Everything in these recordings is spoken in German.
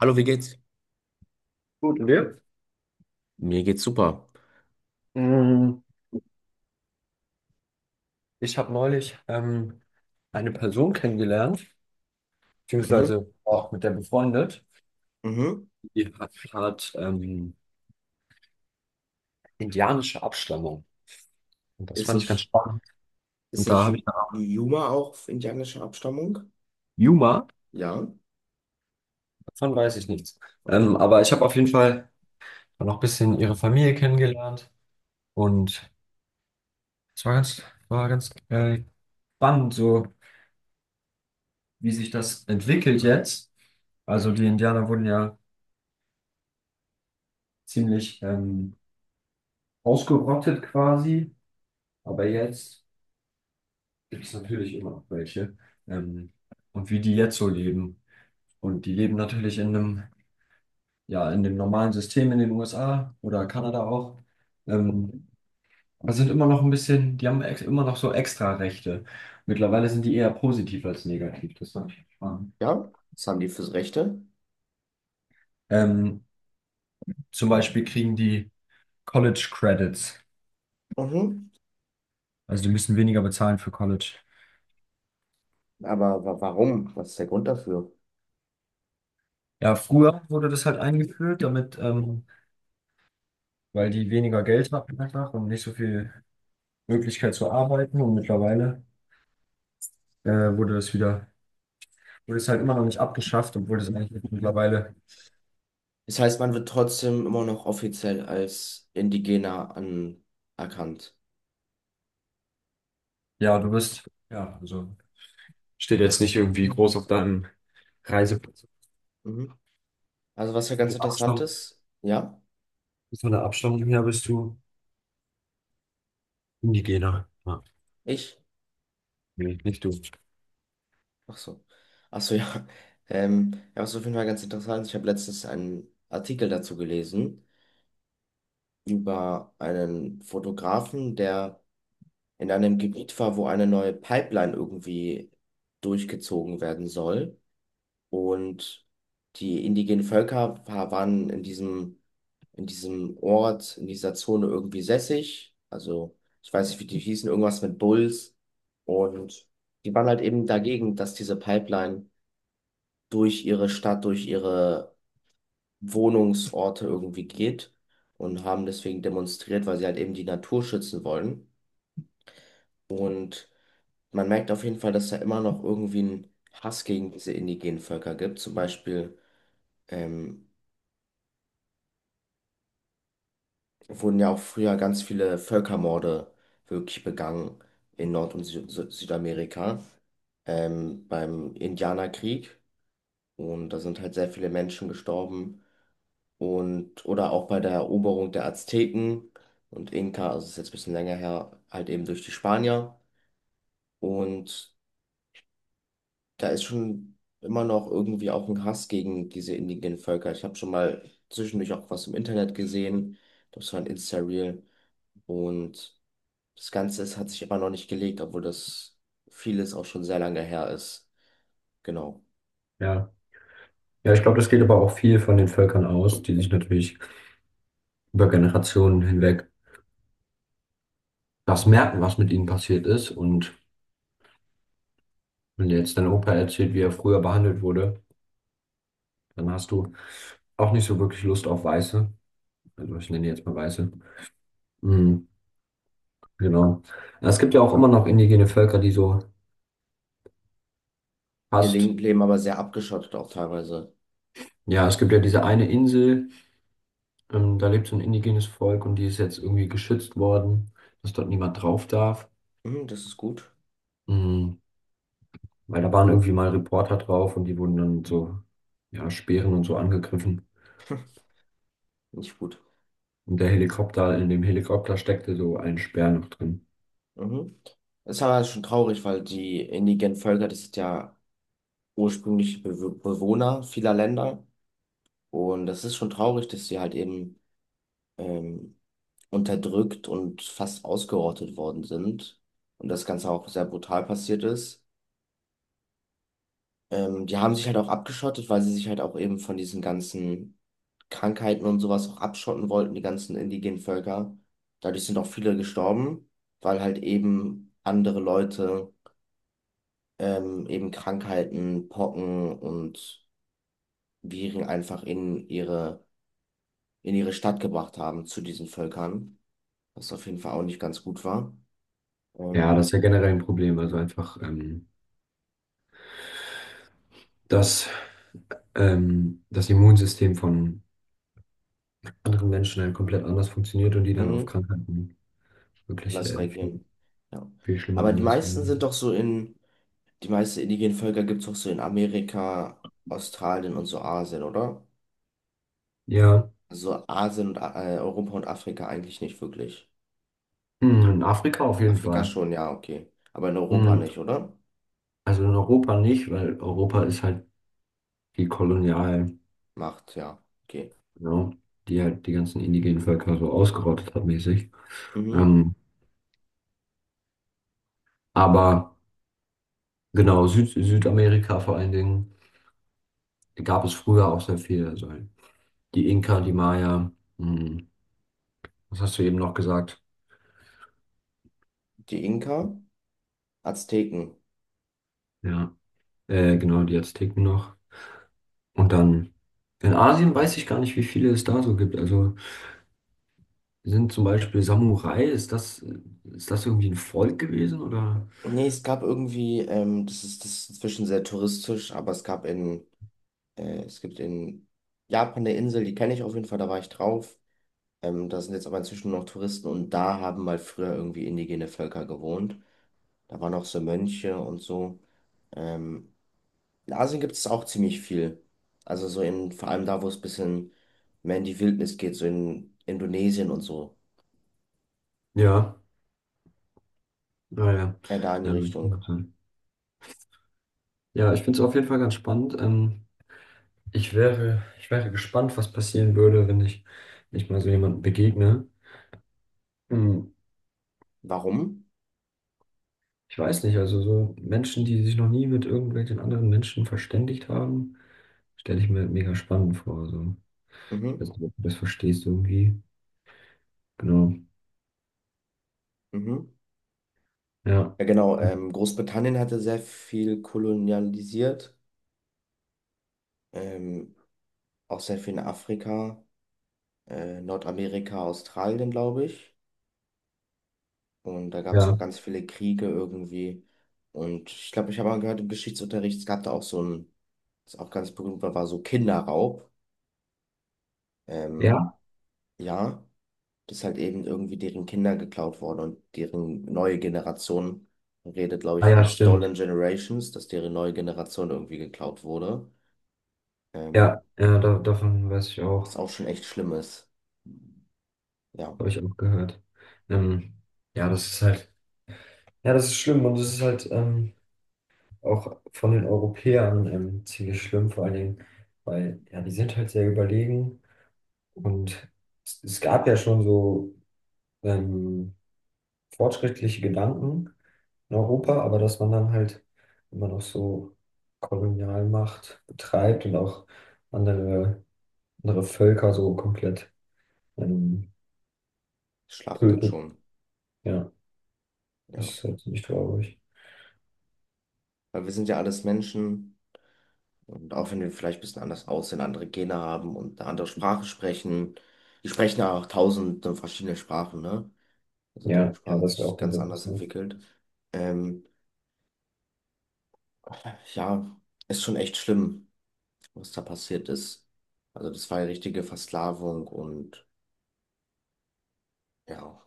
Hallo, wie geht's? Gut, und dir? Mir geht's super. Mm. Ich habe neulich eine Person kennengelernt, Mhm, beziehungsweise auch mit der befreundet. mhm. Die hat indianische Abstammung. Und das Ist fand ich ganz nicht, spannend. ist Und da nicht habe Yu- ich eine Art Yuma auch indianischer Abstammung? Yuma, Ja, davon weiß ich nichts. okay. Aber ich habe auf jeden Fall noch ein bisschen ihre Familie kennengelernt. Und es war ganz spannend, so wie sich das entwickelt jetzt. Also die Indianer wurden ja ziemlich ausgerottet quasi. Aber jetzt gibt es natürlich immer noch welche. Ähm, und wie die jetzt so leben. Und die leben natürlich in einem, ja, in dem normalen System in den USA oder Kanada auch. Ähm, aber sind immer noch ein bisschen, die haben ex immer noch so extra Rechte. Mittlerweile sind die eher positiv als negativ. Das fand ich spannend. Ja, was haben die fürs Rechte? Ähm, Zum Beispiel kriegen die College Credits. Mhm. Also die müssen weniger bezahlen für College. Aber wa warum? Was ist der Grund dafür? Ja, früher wurde das halt eingeführt, damit, weil die weniger Geld hatten einfach und nicht so viel Möglichkeit zu arbeiten, und mittlerweile äh, wurde das wieder, wurde es halt immer noch nicht abgeschafft, obwohl das eigentlich jetzt mittlerweile, Das heißt, man wird trotzdem immer noch offiziell als Indigener anerkannt. ja, du bist, ja, also steht jetzt nicht irgendwie Mhm. groß auf deinem Reiseplatz. Mhm. Also was ja Von ganz der interessant Abstammung, ist, ja, von der Abstammung her bist du Indigener. Ja. ich, Nee, nicht du. ach so, ach so, ja, ja, was auf jeden Fall ganz interessant ist, ich habe letztens einen Artikel dazu gelesen über einen Fotografen, der in einem Gebiet war, wo eine neue Pipeline irgendwie durchgezogen werden soll. Und die indigenen Völker waren in diesem Ort, in dieser Zone irgendwie sässig. Also ich weiß nicht, wie die hießen, irgendwas mit Bulls. Und die waren halt eben dagegen, dass diese Pipeline durch ihre Stadt, durch ihre Wohnungsorte irgendwie geht und haben deswegen demonstriert, weil sie halt eben die Natur schützen wollen. Und man merkt auf jeden Fall, dass da immer noch irgendwie ein Hass gegen diese indigenen Völker gibt. Zum Beispiel ähm, wurden ja auch früher ganz viele Völkermorde wirklich begangen in Nord- und Sü Sü Südamerika, beim Indianerkrieg. Und da sind halt sehr viele Menschen gestorben, und oder auch bei der Eroberung der Azteken und Inka, also ist jetzt ein bisschen länger her, halt eben durch die Spanier. Und da ist schon immer noch irgendwie auch ein Hass gegen diese indigenen Völker. Ich habe schon mal zwischendurch auch was im Internet gesehen, das war ein Insta-Reel und das Ganze hat sich immer noch nicht gelegt, obwohl das vieles auch schon sehr lange her ist. Genau. Ja. Ja, ich glaube, das geht aber auch viel von den Völkern aus, die sich natürlich über Generationen hinweg das merken, was mit ihnen passiert ist. Und wenn dir jetzt dein Opa erzählt, wie er früher behandelt wurde, dann hast du auch nicht so wirklich Lust auf Weiße. Also ich nenne die jetzt mal Weiße. Mhm, genau. Ja, es gibt ja auch immer noch indigene Völker, die so Die fast. Linken leben aber sehr abgeschottet auch teilweise. Ja, es gibt ja diese eine Insel, da lebt so ein indigenes Volk, und die ist jetzt irgendwie geschützt worden, dass dort niemand drauf darf. Mhm, das ist gut, Mhm, weil da waren irgendwie mal Reporter drauf, und die wurden dann mit so, ja, Speeren und so angegriffen. nicht gut. Und der in dem Helikopter steckte so ein Speer noch drin. Mhm. Das ist aber schon traurig, weil die indigenen Völker, das sind ja ursprüngliche Be Bewohner vieler Länder. Und das ist schon traurig, dass sie halt eben ähm, unterdrückt und fast ausgerottet worden sind. Und das Ganze auch sehr brutal passiert ist. Die haben sich halt auch abgeschottet, weil sie sich halt auch eben von diesen ganzen Krankheiten und sowas auch abschotten wollten, die ganzen indigenen Völker. Dadurch sind auch viele gestorben, weil halt eben andere Leute eben Krankheiten, Pocken und Viren einfach in ihre Stadt gebracht haben zu diesen Völkern, was auf jeden Fall auch nicht ganz gut war. Ja, Ähm, das ist ja generell ein Problem. Also einfach, dass das Immunsystem von anderen Menschen dann komplett anders funktioniert und die dann auf mhm, Krankheiten wirklich anders reagieren. Ja. viel schlimmer Aber die anders meisten sind reagieren. doch so in, die meisten indigenen Völker gibt es doch so in Amerika, Australien und so Asien, oder? Ja, So Asien und Europa und Afrika eigentlich nicht wirklich. hm, in Afrika auf jeden Afrika Fall. schon, ja, okay. Aber in Europa Hm, nicht, oder? also in Europa nicht, weil Europa ist halt die Kolonial, Macht, ja, okay. ja, die halt die ganzen indigenen Völker so ausgerottet hat mäßig. Mhm. Ähm, aber genau, Südamerika vor allen Dingen, gab es früher auch sehr viel. Also die Inka, die Maya, hm, was hast du eben noch gesagt? Die Inka? Azteken. Ja, genau, die Azteken noch. Und dann in Asien weiß ich gar nicht, wie viele es da so gibt. Also sind zum Beispiel Samurai, ist das irgendwie ein Volk gewesen oder? Nee, es gab irgendwie, das ist inzwischen sehr touristisch, aber es gibt in Japan eine Insel, die kenne ich auf jeden Fall, da war ich drauf. Da sind jetzt aber inzwischen noch Touristen und da haben mal früher irgendwie indigene Völker gewohnt. Da waren auch so Mönche und so. Ähm, in Asien gibt es auch ziemlich viel. Also so in, vor allem da, wo es ein bisschen mehr in die Wildnis geht, so in Indonesien und so. Ja, naja. Da in Ja, die ja, das Richtung. kann sein. Ja, ich finde es auf jeden Fall ganz spannend. Ich wäre gespannt, was passieren würde, wenn ich, wenn ich mal so jemandem begegne. Hm, Warum? ich weiß nicht, also so Menschen, die sich noch nie mit irgendwelchen anderen Menschen verständigt haben, stelle ich mir mega spannend vor. So. Ich Mhm, weiß nicht, ob du das verstehst irgendwie. Genau. mhm. Ja. Ja, genau. Großbritannien hatte sehr viel kolonialisiert, ähm, auch sehr viel in Afrika, Nordamerika, Australien, glaube ich. Und da gab es noch Ja. ganz viele Kriege irgendwie. Und ich glaube, ich habe mal gehört, im Geschichtsunterricht, es gab da auch so ein, was auch ganz berühmt war, war so Kinderraub. Ähm, Ja. ja, das ist halt eben irgendwie deren Kinder geklaut worden und deren neue Generation, man redet, glaube Ah ich, ja, von Stolen stimmt. Generations, dass deren neue Generation irgendwie geklaut wurde. Ähm, Ja, ja, davon weiß ich Was auch. auch schon echt schlimm ist. Ja, Habe ich auch gehört. Ähm, ja, das ist halt. Ja, das ist schlimm, und das ist halt auch von den Europäern ziemlich schlimm, vor allen Dingen, weil ja, die sind halt sehr überlegen, und es gab ja schon so ähm, fortschrittliche Gedanken in Europa, aber dass man dann halt immer noch so Kolonialmacht betreibt und auch andere, andere Völker so komplett ähm, schlachtet tötet. schon. Ja, das Ja. ist halt ziemlich traurig. Weil wir sind ja alles Menschen und auch wenn wir vielleicht ein bisschen anders aussehen, andere Gene haben und eine andere Sprache sprechen, die sprechen ja auch tausende verschiedene Sprachen, ne? Also die Ja, ja, Sprache hat das wäre sich auch ganz anders interessant. entwickelt. Ähm, ja, ist schon echt schlimm, was da passiert ist. Also das war ja richtige Versklavung und ja,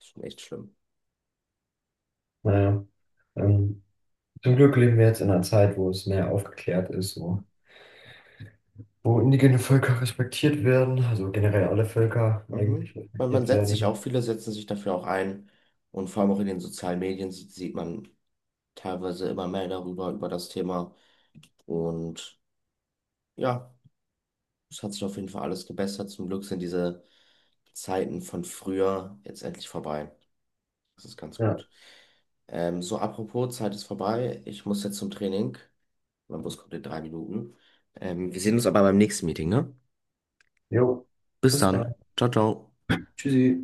ist schon echt schlimm. Naja, ähm, zum Glück leben wir jetzt in einer Zeit, wo es mehr aufgeklärt ist, wo indigene Völker respektiert werden, also generell alle Völker eigentlich Mhm. Man respektiert setzt sich werden. auch, viele setzen sich dafür auch ein. Und vor allem auch in den sozialen Medien sieht man teilweise immer mehr darüber, über das Thema. Und ja, es hat sich auf jeden Fall alles gebessert. Zum Glück sind diese Zeiten von früher jetzt endlich vorbei. Das ist ganz Ja, gut. So, apropos, Zeit ist vorbei. Ich muss jetzt zum Training. Mein Bus kommt in 3 Minuten. Wir sehen uns aber beim nächsten Meeting, ne? jo, Bis bis dann. dann. Ciao, ciao. Tschüssi.